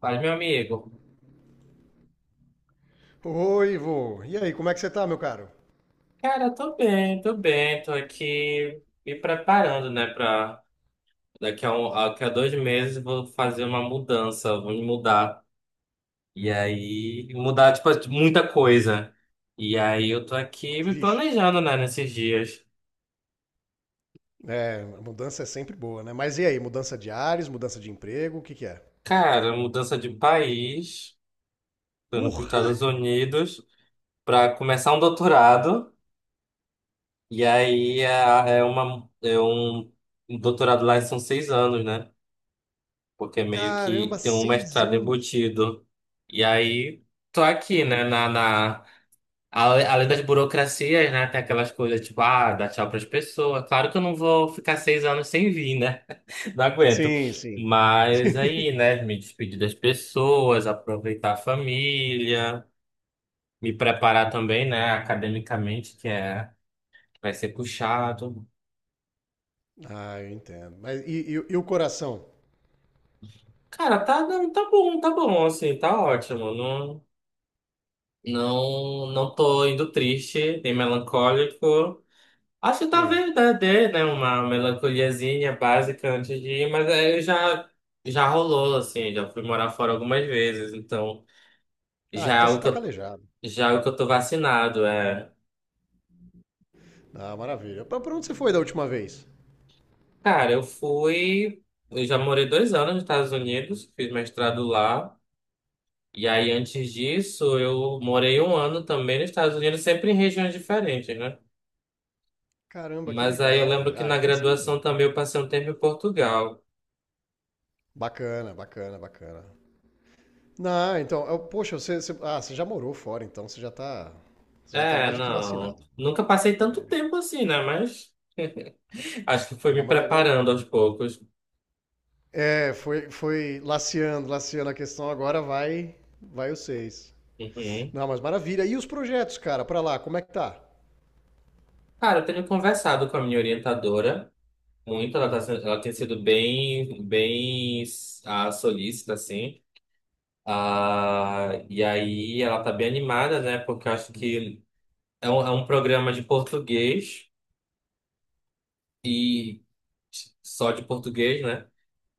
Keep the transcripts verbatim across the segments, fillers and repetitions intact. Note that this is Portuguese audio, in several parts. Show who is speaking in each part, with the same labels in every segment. Speaker 1: Fala, meu amigo.
Speaker 2: Oi, Ivo. E aí, como é que você tá, meu caro?
Speaker 1: Cara, tô bem, tô bem. Tô aqui me preparando, né, pra daqui a, um, daqui a dois meses vou fazer uma mudança, vou me mudar. E aí, mudar, tipo, muita coisa. E aí eu tô aqui me
Speaker 2: Vixe.
Speaker 1: planejando, né, nesses dias.
Speaker 2: É, a mudança é sempre boa, né? Mas e aí, mudança de ares, mudança de emprego, o que que é?
Speaker 1: Cara, mudança de país, tô indo pros
Speaker 2: Porra!
Speaker 1: Estados Unidos pra começar um doutorado. E aí é, é uma, é um um doutorado lá são seis anos, né? Porque meio
Speaker 2: Caramba,
Speaker 1: que tem um
Speaker 2: seis
Speaker 1: mestrado
Speaker 2: anos!
Speaker 1: embutido. E aí, tô aqui, né, na, na... ale- além das burocracias, né, tem aquelas coisas tipo, ah, dar tchau pras pessoas. Claro que eu não vou ficar seis anos sem vir, né? Não aguento.
Speaker 2: Sim, sim.
Speaker 1: Mas aí, né, me despedir das pessoas, aproveitar a família, me preparar também, né, academicamente, que é... vai ser puxado.
Speaker 2: Ah, eu entendo. Mas e, e- e o coração?
Speaker 1: Cara, tá, não, tá bom, tá bom, assim, tá ótimo. Não, não, não tô indo triste, nem melancólico. Acho que
Speaker 2: Sim.
Speaker 1: talvez dê, dê, né, uma melancoliazinha básica antes de ir, mas aí já, já rolou, assim, já fui morar fora algumas vezes, então
Speaker 2: Ah,
Speaker 1: já é
Speaker 2: então você
Speaker 1: algo que
Speaker 2: tá
Speaker 1: eu,
Speaker 2: calejado.
Speaker 1: já é algo que eu tô vacinado, é.
Speaker 2: Ah, maravilha. Pra, pra onde você foi da última vez?
Speaker 1: Cara, eu fui, eu já morei dois anos nos Estados Unidos, fiz mestrado lá, e aí antes disso eu morei um ano também nos Estados Unidos, sempre em regiões diferentes, né?
Speaker 2: Caramba, que
Speaker 1: Mas aí eu
Speaker 2: legal,
Speaker 1: lembro
Speaker 2: velho.
Speaker 1: que
Speaker 2: Ah,
Speaker 1: na
Speaker 2: então sim.
Speaker 1: graduação também eu passei um tempo em Portugal.
Speaker 2: Bacana, bacana, bacana. Não, então, eu- poxa, você, você- ah, você já morou fora, então você já tá, você já tá
Speaker 1: É,
Speaker 2: mais do que
Speaker 1: não.
Speaker 2: vacinado.
Speaker 1: Nunca passei tanto
Speaker 2: É,
Speaker 1: tempo assim, né? Mas acho que foi
Speaker 2: Ah,
Speaker 1: me
Speaker 2: mas agora.
Speaker 1: preparando aos poucos.
Speaker 2: É, foi, foi, laceando, laceando a questão, agora vai, vai o seis.
Speaker 1: Uhum.
Speaker 2: Não, mas maravilha. E os projetos, cara, pra lá, como é que tá?
Speaker 1: Cara, eu tenho conversado com a minha orientadora muito. Ela, tá, sendo- ela tem sido bem, bem ah, solícita, assim. Ah, e aí ela tá bem animada, né? Porque eu acho que é um, é um programa de português e só de português, né?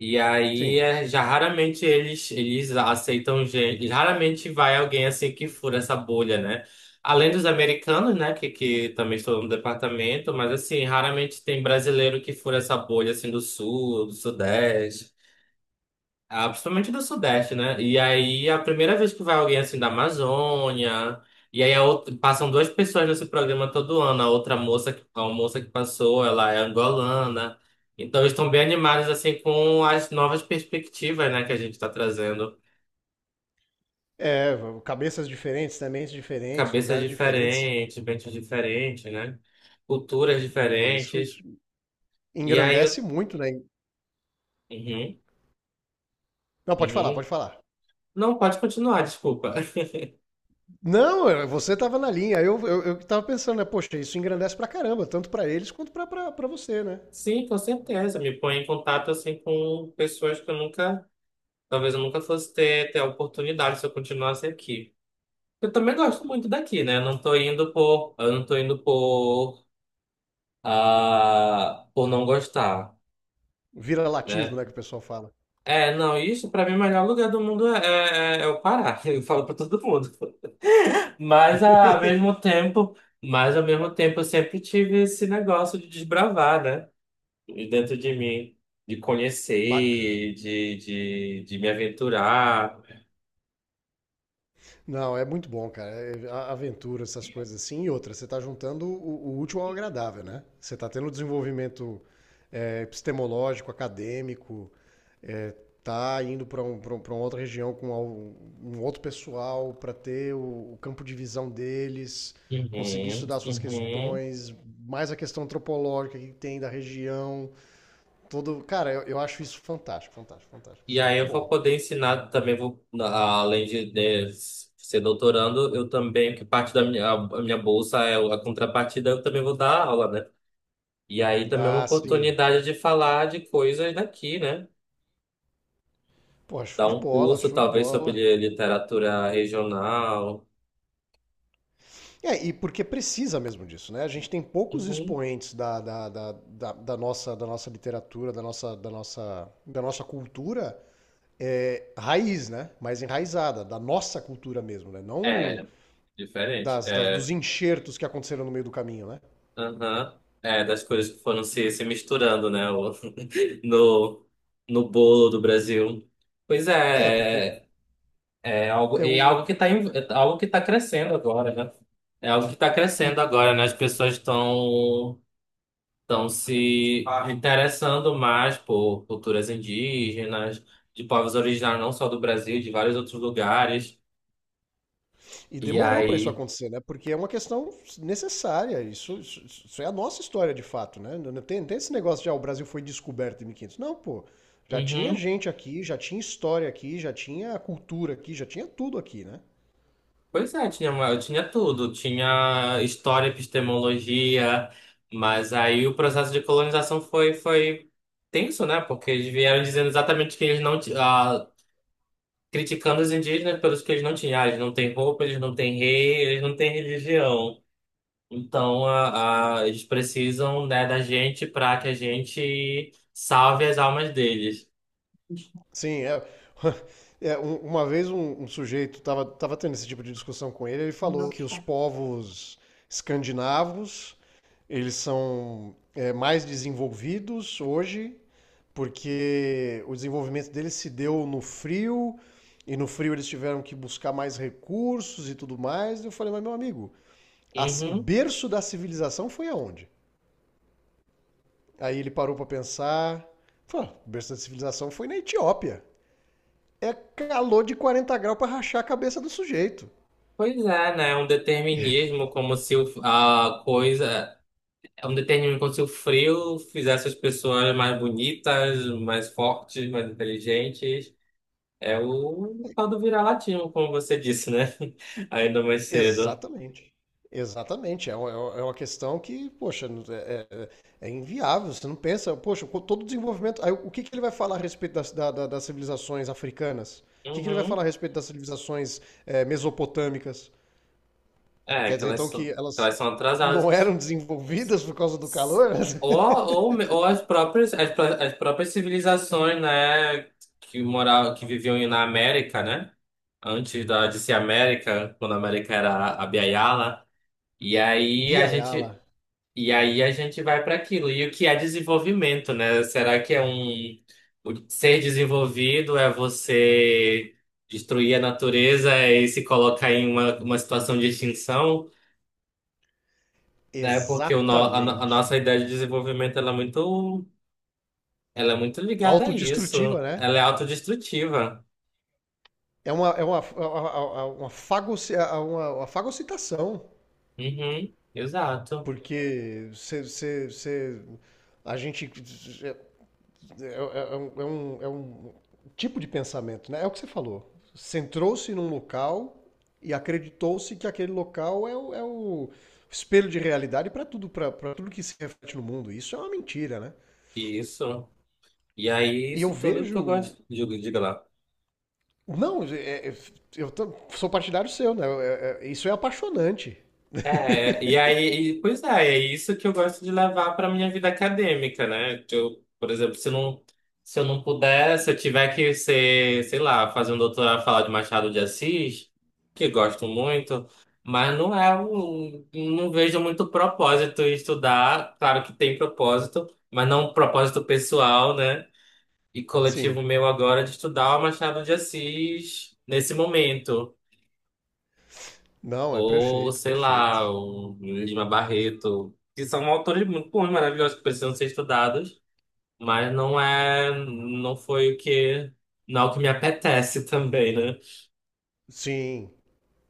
Speaker 1: E aí,
Speaker 2: Sim.
Speaker 1: é, já raramente eles, eles aceitam gente. Raramente vai alguém assim que fura essa bolha, né? Além dos americanos, né? Que, que também estão no departamento, mas assim, raramente tem brasileiro que fura essa bolha assim do sul, do sudeste. Ah, principalmente do Sudeste, né? E aí, a primeira vez que vai alguém assim da Amazônia, e aí a outra- passam duas pessoas nesse programa todo ano. A outra moça, que- a moça que passou, ela é angolana. Então, eles estão bem animados assim com as novas perspectivas, né, que a gente está trazendo.
Speaker 2: É, cabeças diferentes, sementes diferentes,
Speaker 1: Cabeças
Speaker 2: lugares diferentes.
Speaker 1: diferentes, mentes diferentes, né? Culturas
Speaker 2: Pô, isso isso
Speaker 1: diferentes. E aí,
Speaker 2: engrandece
Speaker 1: eu...
Speaker 2: muito, né?
Speaker 1: uhum,
Speaker 2: Não, pode falar,
Speaker 1: uhum.
Speaker 2: pode falar.
Speaker 1: Não, pode continuar, desculpa.
Speaker 2: Não, eu- Você tava na linha. Eu, eu, eu tava pensando, né? Poxa, isso engrandece pra caramba, tanto pra eles quanto pra, pra, pra você, né?
Speaker 1: Sim, com certeza. Me põe em contato assim com pessoas. Que eu nunca Talvez eu nunca fosse ter, ter a oportunidade se eu continuasse aqui. Eu também gosto muito daqui, né? Eu não tô indo por, eu não tô indo por, ah, por não gostar,
Speaker 2: Vira latismo,
Speaker 1: né?
Speaker 2: né, que o pessoal fala.
Speaker 1: É, não, isso pra mim o melhor lugar do mundo é, é, é o Pará. Eu falo pra todo mundo. Mas ah, ao mesmo tempo, mas ao mesmo tempo eu sempre tive esse negócio de desbravar, né? De Dentro de mim, de
Speaker 2: Bacana.
Speaker 1: conhecer, de, de, de me aventurar.
Speaker 2: Não, é muito bom, cara. É é, a- Aventura, essas coisas assim. E outra, você está juntando o, o útil ao agradável, né? Você está tendo um desenvolvimento, é, epistemológico, acadêmico, é, tá indo para um, pra um- pra uma outra região com al- um outro pessoal para ter o, o campo de visão deles, conseguir
Speaker 1: Uhum,
Speaker 2: estudar suas
Speaker 1: uhum.
Speaker 2: questões, mais a questão antropológica que tem da região. Todo, cara, eu, eu acho isso fantástico, fantástico, fantástico.
Speaker 1: E
Speaker 2: Isso é
Speaker 1: aí
Speaker 2: muito
Speaker 1: eu vou
Speaker 2: bom.
Speaker 1: poder ensinar também, vou, na- além de, né, ser doutorando, eu também, que parte da minha, a minha bolsa é a contrapartida, eu também vou dar aula, né? E aí também é uma
Speaker 2: Ah, sim.
Speaker 1: oportunidade de falar de coisas daqui, né?
Speaker 2: Pô,
Speaker 1: Dar
Speaker 2: show de
Speaker 1: um
Speaker 2: bola,
Speaker 1: curso,
Speaker 2: show de
Speaker 1: talvez,
Speaker 2: bola.
Speaker 1: sobre literatura regional.
Speaker 2: É, e porque precisa mesmo disso, né? A gente tem poucos
Speaker 1: Uhum.
Speaker 2: expoentes da, da, da, da, da nossa, da nossa literatura, da nossa, da nossa, da nossa cultura, é, raiz, né? Mais enraizada, da nossa cultura mesmo, né? Não
Speaker 1: É, diferente.
Speaker 2: das, das- dos
Speaker 1: É,
Speaker 2: enxertos que aconteceram no meio do caminho, né?
Speaker 1: aham. É, das coisas que foram se, se misturando, né? o- No, no bolo do Brasil. Pois
Speaker 2: É, porque
Speaker 1: é. É algo,
Speaker 2: é
Speaker 1: e é
Speaker 2: o.
Speaker 1: algo que está algo que tá crescendo agora, né? É algo que está
Speaker 2: E,
Speaker 1: crescendo agora, né? As pessoas estão estão se interessando mais por culturas indígenas, de povos originários não só do Brasil, de vários outros lugares.
Speaker 2: E
Speaker 1: E
Speaker 2: demorou para isso
Speaker 1: aí,
Speaker 2: acontecer, né? Porque é uma questão necessária. Isso, isso, isso é a nossa história de fato, né? Não não tem, não tem esse negócio de ah, o Brasil foi descoberto em mil e quinhentos. Não, pô. Já tinha
Speaker 1: uhum,
Speaker 2: gente aqui, já tinha história aqui, já tinha cultura aqui, já tinha tudo aqui, né?
Speaker 1: pois é, tinha, uma- tinha tudo, tinha história, epistemologia, mas aí o processo de colonização foi foi tenso, né? Porque eles vieram dizendo exatamente que eles não criticando os indígenas pelos que eles não tinham. Ah, eles não têm roupa, eles não têm rei, eles não têm religião. Então, a, a- eles precisam, né, da gente para que a gente salve as almas deles.
Speaker 2: Sim, é. É, um- uma vez um, um sujeito tava, tava tendo esse tipo de discussão com ele, ele falou
Speaker 1: Não.
Speaker 2: que os povos escandinavos, eles são, é, mais desenvolvidos hoje, porque o desenvolvimento deles se deu no frio, e no frio eles tiveram que buscar mais recursos e tudo mais. E eu falei, mas meu amigo, a- o
Speaker 1: Uhum.
Speaker 2: berço da civilização foi aonde? Aí ele parou pra pensar, falou, "Ah, o berço da civilização foi na Etiópia, é calor de quarenta graus para rachar a cabeça do sujeito.
Speaker 1: Pois é, né? É um determinismo como se o- a coisa. É um determinismo como se o frio fizesse as pessoas mais bonitas, mais fortes, mais inteligentes. É o tal do vira-latismo, como você disse, né? Ainda mais cedo.
Speaker 2: Exatamente. Exatamente. É uma, é uma questão que, poxa, é, é- é inviável. Você não pensa, poxa, com todo o desenvolvimento. Aí, o que, que ele vai falar a respeito das, da- da- das civilizações africanas? O que, que ele vai
Speaker 1: Uhum.
Speaker 2: falar a respeito das civilizações, é, mesopotâmicas?
Speaker 1: É,
Speaker 2: Quer
Speaker 1: que
Speaker 2: dizer,
Speaker 1: elas
Speaker 2: então, que
Speaker 1: são, que
Speaker 2: elas
Speaker 1: elas são
Speaker 2: não
Speaker 1: atrasadas.
Speaker 2: eram desenvolvidas por causa do calor?
Speaker 1: Ou, ou, me- ou as próprias, as, pró- as próprias civilizações, né, que moravam, que viviam na América, né? Antes da, de ser América, quando a América era a Biayala. E aí a
Speaker 2: Biayala.
Speaker 1: gente, e aí a gente vai para aquilo. E o que é desenvolvimento, né? Será que é um o ser desenvolvido é você destruir a natureza e se colocar em uma, uma situação de extinção? É porque o no- a, no- a nossa
Speaker 2: Exatamente.
Speaker 1: ideia de desenvolvimento ela é muito, ela é muito ligada a isso.
Speaker 2: Autodestrutiva, né?
Speaker 1: Ela é autodestrutiva.
Speaker 2: É uma, é uma, é uma, é uma, fagoci- é uma, uma fagocitação,
Speaker 1: Uhum, exato.
Speaker 2: porque você, você, você- a gente, é, é- é é um, é um- é um tipo de pensamento, né? É o que você falou. Centrou-se num local e acreditou-se que aquele local é o, é o espelho de realidade para tudo, para tudo que se reflete no mundo. Isso é uma mentira, né?
Speaker 1: Isso. E aí,
Speaker 2: E eu
Speaker 1: isso tudo que eu
Speaker 2: vejo.
Speaker 1: gosto. Diga diga lá.
Speaker 2: Não, é- é- eu tam- sou partidário seu, né? É- é- isso é apaixonante.
Speaker 1: É, e aí, e- pois é, é isso que eu gosto de levar para minha vida acadêmica, né? Que eu, por exemplo, se não, se eu não puder, se eu tiver que ser, sei lá, fazer um doutorado, falar de Machado de Assis, que gosto muito, mas não é um, não vejo muito propósito em estudar. Claro que tem propósito, mas não um propósito pessoal, né? E
Speaker 2: Sim.
Speaker 1: coletivo meu agora de estudar o Machado de Assis nesse momento.
Speaker 2: Não, é
Speaker 1: Ou,
Speaker 2: perfeito,
Speaker 1: sei
Speaker 2: perfeito.
Speaker 1: lá, o Lima Barreto, que são autores muito bons, maravilhosos, que precisam ser estudados, mas não é, não foi o que, não é o que me apetece também, né?
Speaker 2: Sim,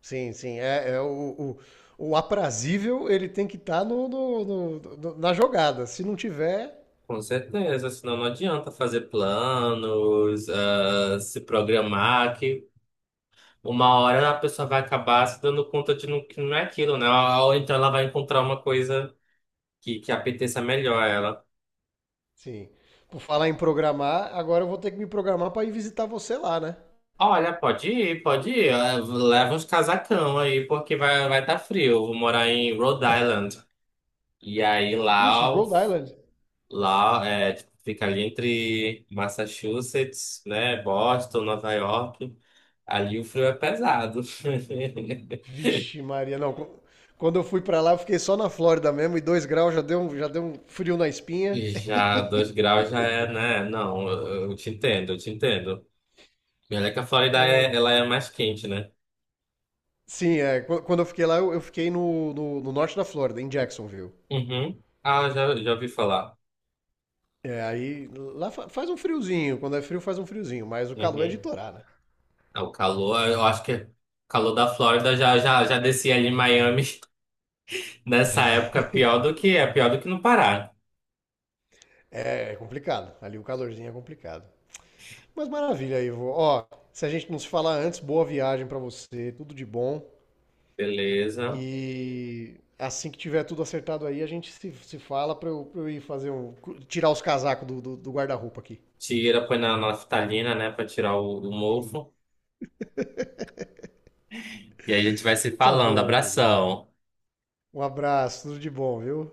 Speaker 2: sim, sim. É, é o, o, o aprazível, ele tem que estar no, no- no- no- na jogada. Se não tiver,
Speaker 1: Com certeza, senão não adianta fazer planos, ah, se programar, que uma hora a pessoa vai acabar se dando conta de não, que não é aquilo, né? Ou então ela vai encontrar uma coisa que, que apeteça melhor a ela.
Speaker 2: sim. Por falar em programar, agora eu vou ter que me programar para ir visitar você lá, né?
Speaker 1: Olha, pode ir, pode ir. Eh, Leva uns casacão aí, porque vai vai tá frio. Eu vou morar em Rhode Island. E aí
Speaker 2: Ixi,
Speaker 1: lá, o-
Speaker 2: Rhode Island.
Speaker 1: lá é, tipo, fica ali entre Massachusetts, né? Boston, Nova York. Ali o frio é pesado.
Speaker 2: Vixe, Maria, não. qu- Quando eu fui para lá, eu fiquei só na Flórida mesmo e dois graus já deu, um- já deu um frio na espinha.
Speaker 1: E já dois graus já é, né? Não, eu, eu te entendo, eu te entendo. E olha que a Flórida é, ela é mais quente, né?
Speaker 2: Sim, é. qu- Quando eu fiquei lá, eu eu fiquei no, no, no norte da Flórida, em Jacksonville.
Speaker 1: Uhum. Ah, já, já ouvi falar.
Speaker 2: É, aí lá fa- faz um friozinho, quando é frio faz um friozinho, mas o calor é de
Speaker 1: Uhum.
Speaker 2: torar, né?
Speaker 1: Ah, o calor, eu acho que o calor da Flórida já, já, já descia ali em Miami nessa época, é pior do que é, pior do que no Pará.
Speaker 2: É, é complicado, ali o calorzinho é complicado. Mas maravilha, Ivo. Ó, se a gente não se falar antes, boa viagem pra você, tudo de bom.
Speaker 1: Beleza.
Speaker 2: E assim que tiver tudo acertado aí, a gente se, se fala pra eu, pra eu ir fazer um. Tirar os casacos do, do do guarda-roupa aqui.
Speaker 1: Tira, põe na naftalina, né, pra tirar o, o mofo. E aí a gente vai se
Speaker 2: Tá
Speaker 1: falando.
Speaker 2: bom, meu querido.
Speaker 1: Abração.
Speaker 2: Um abraço, tudo de bom, viu?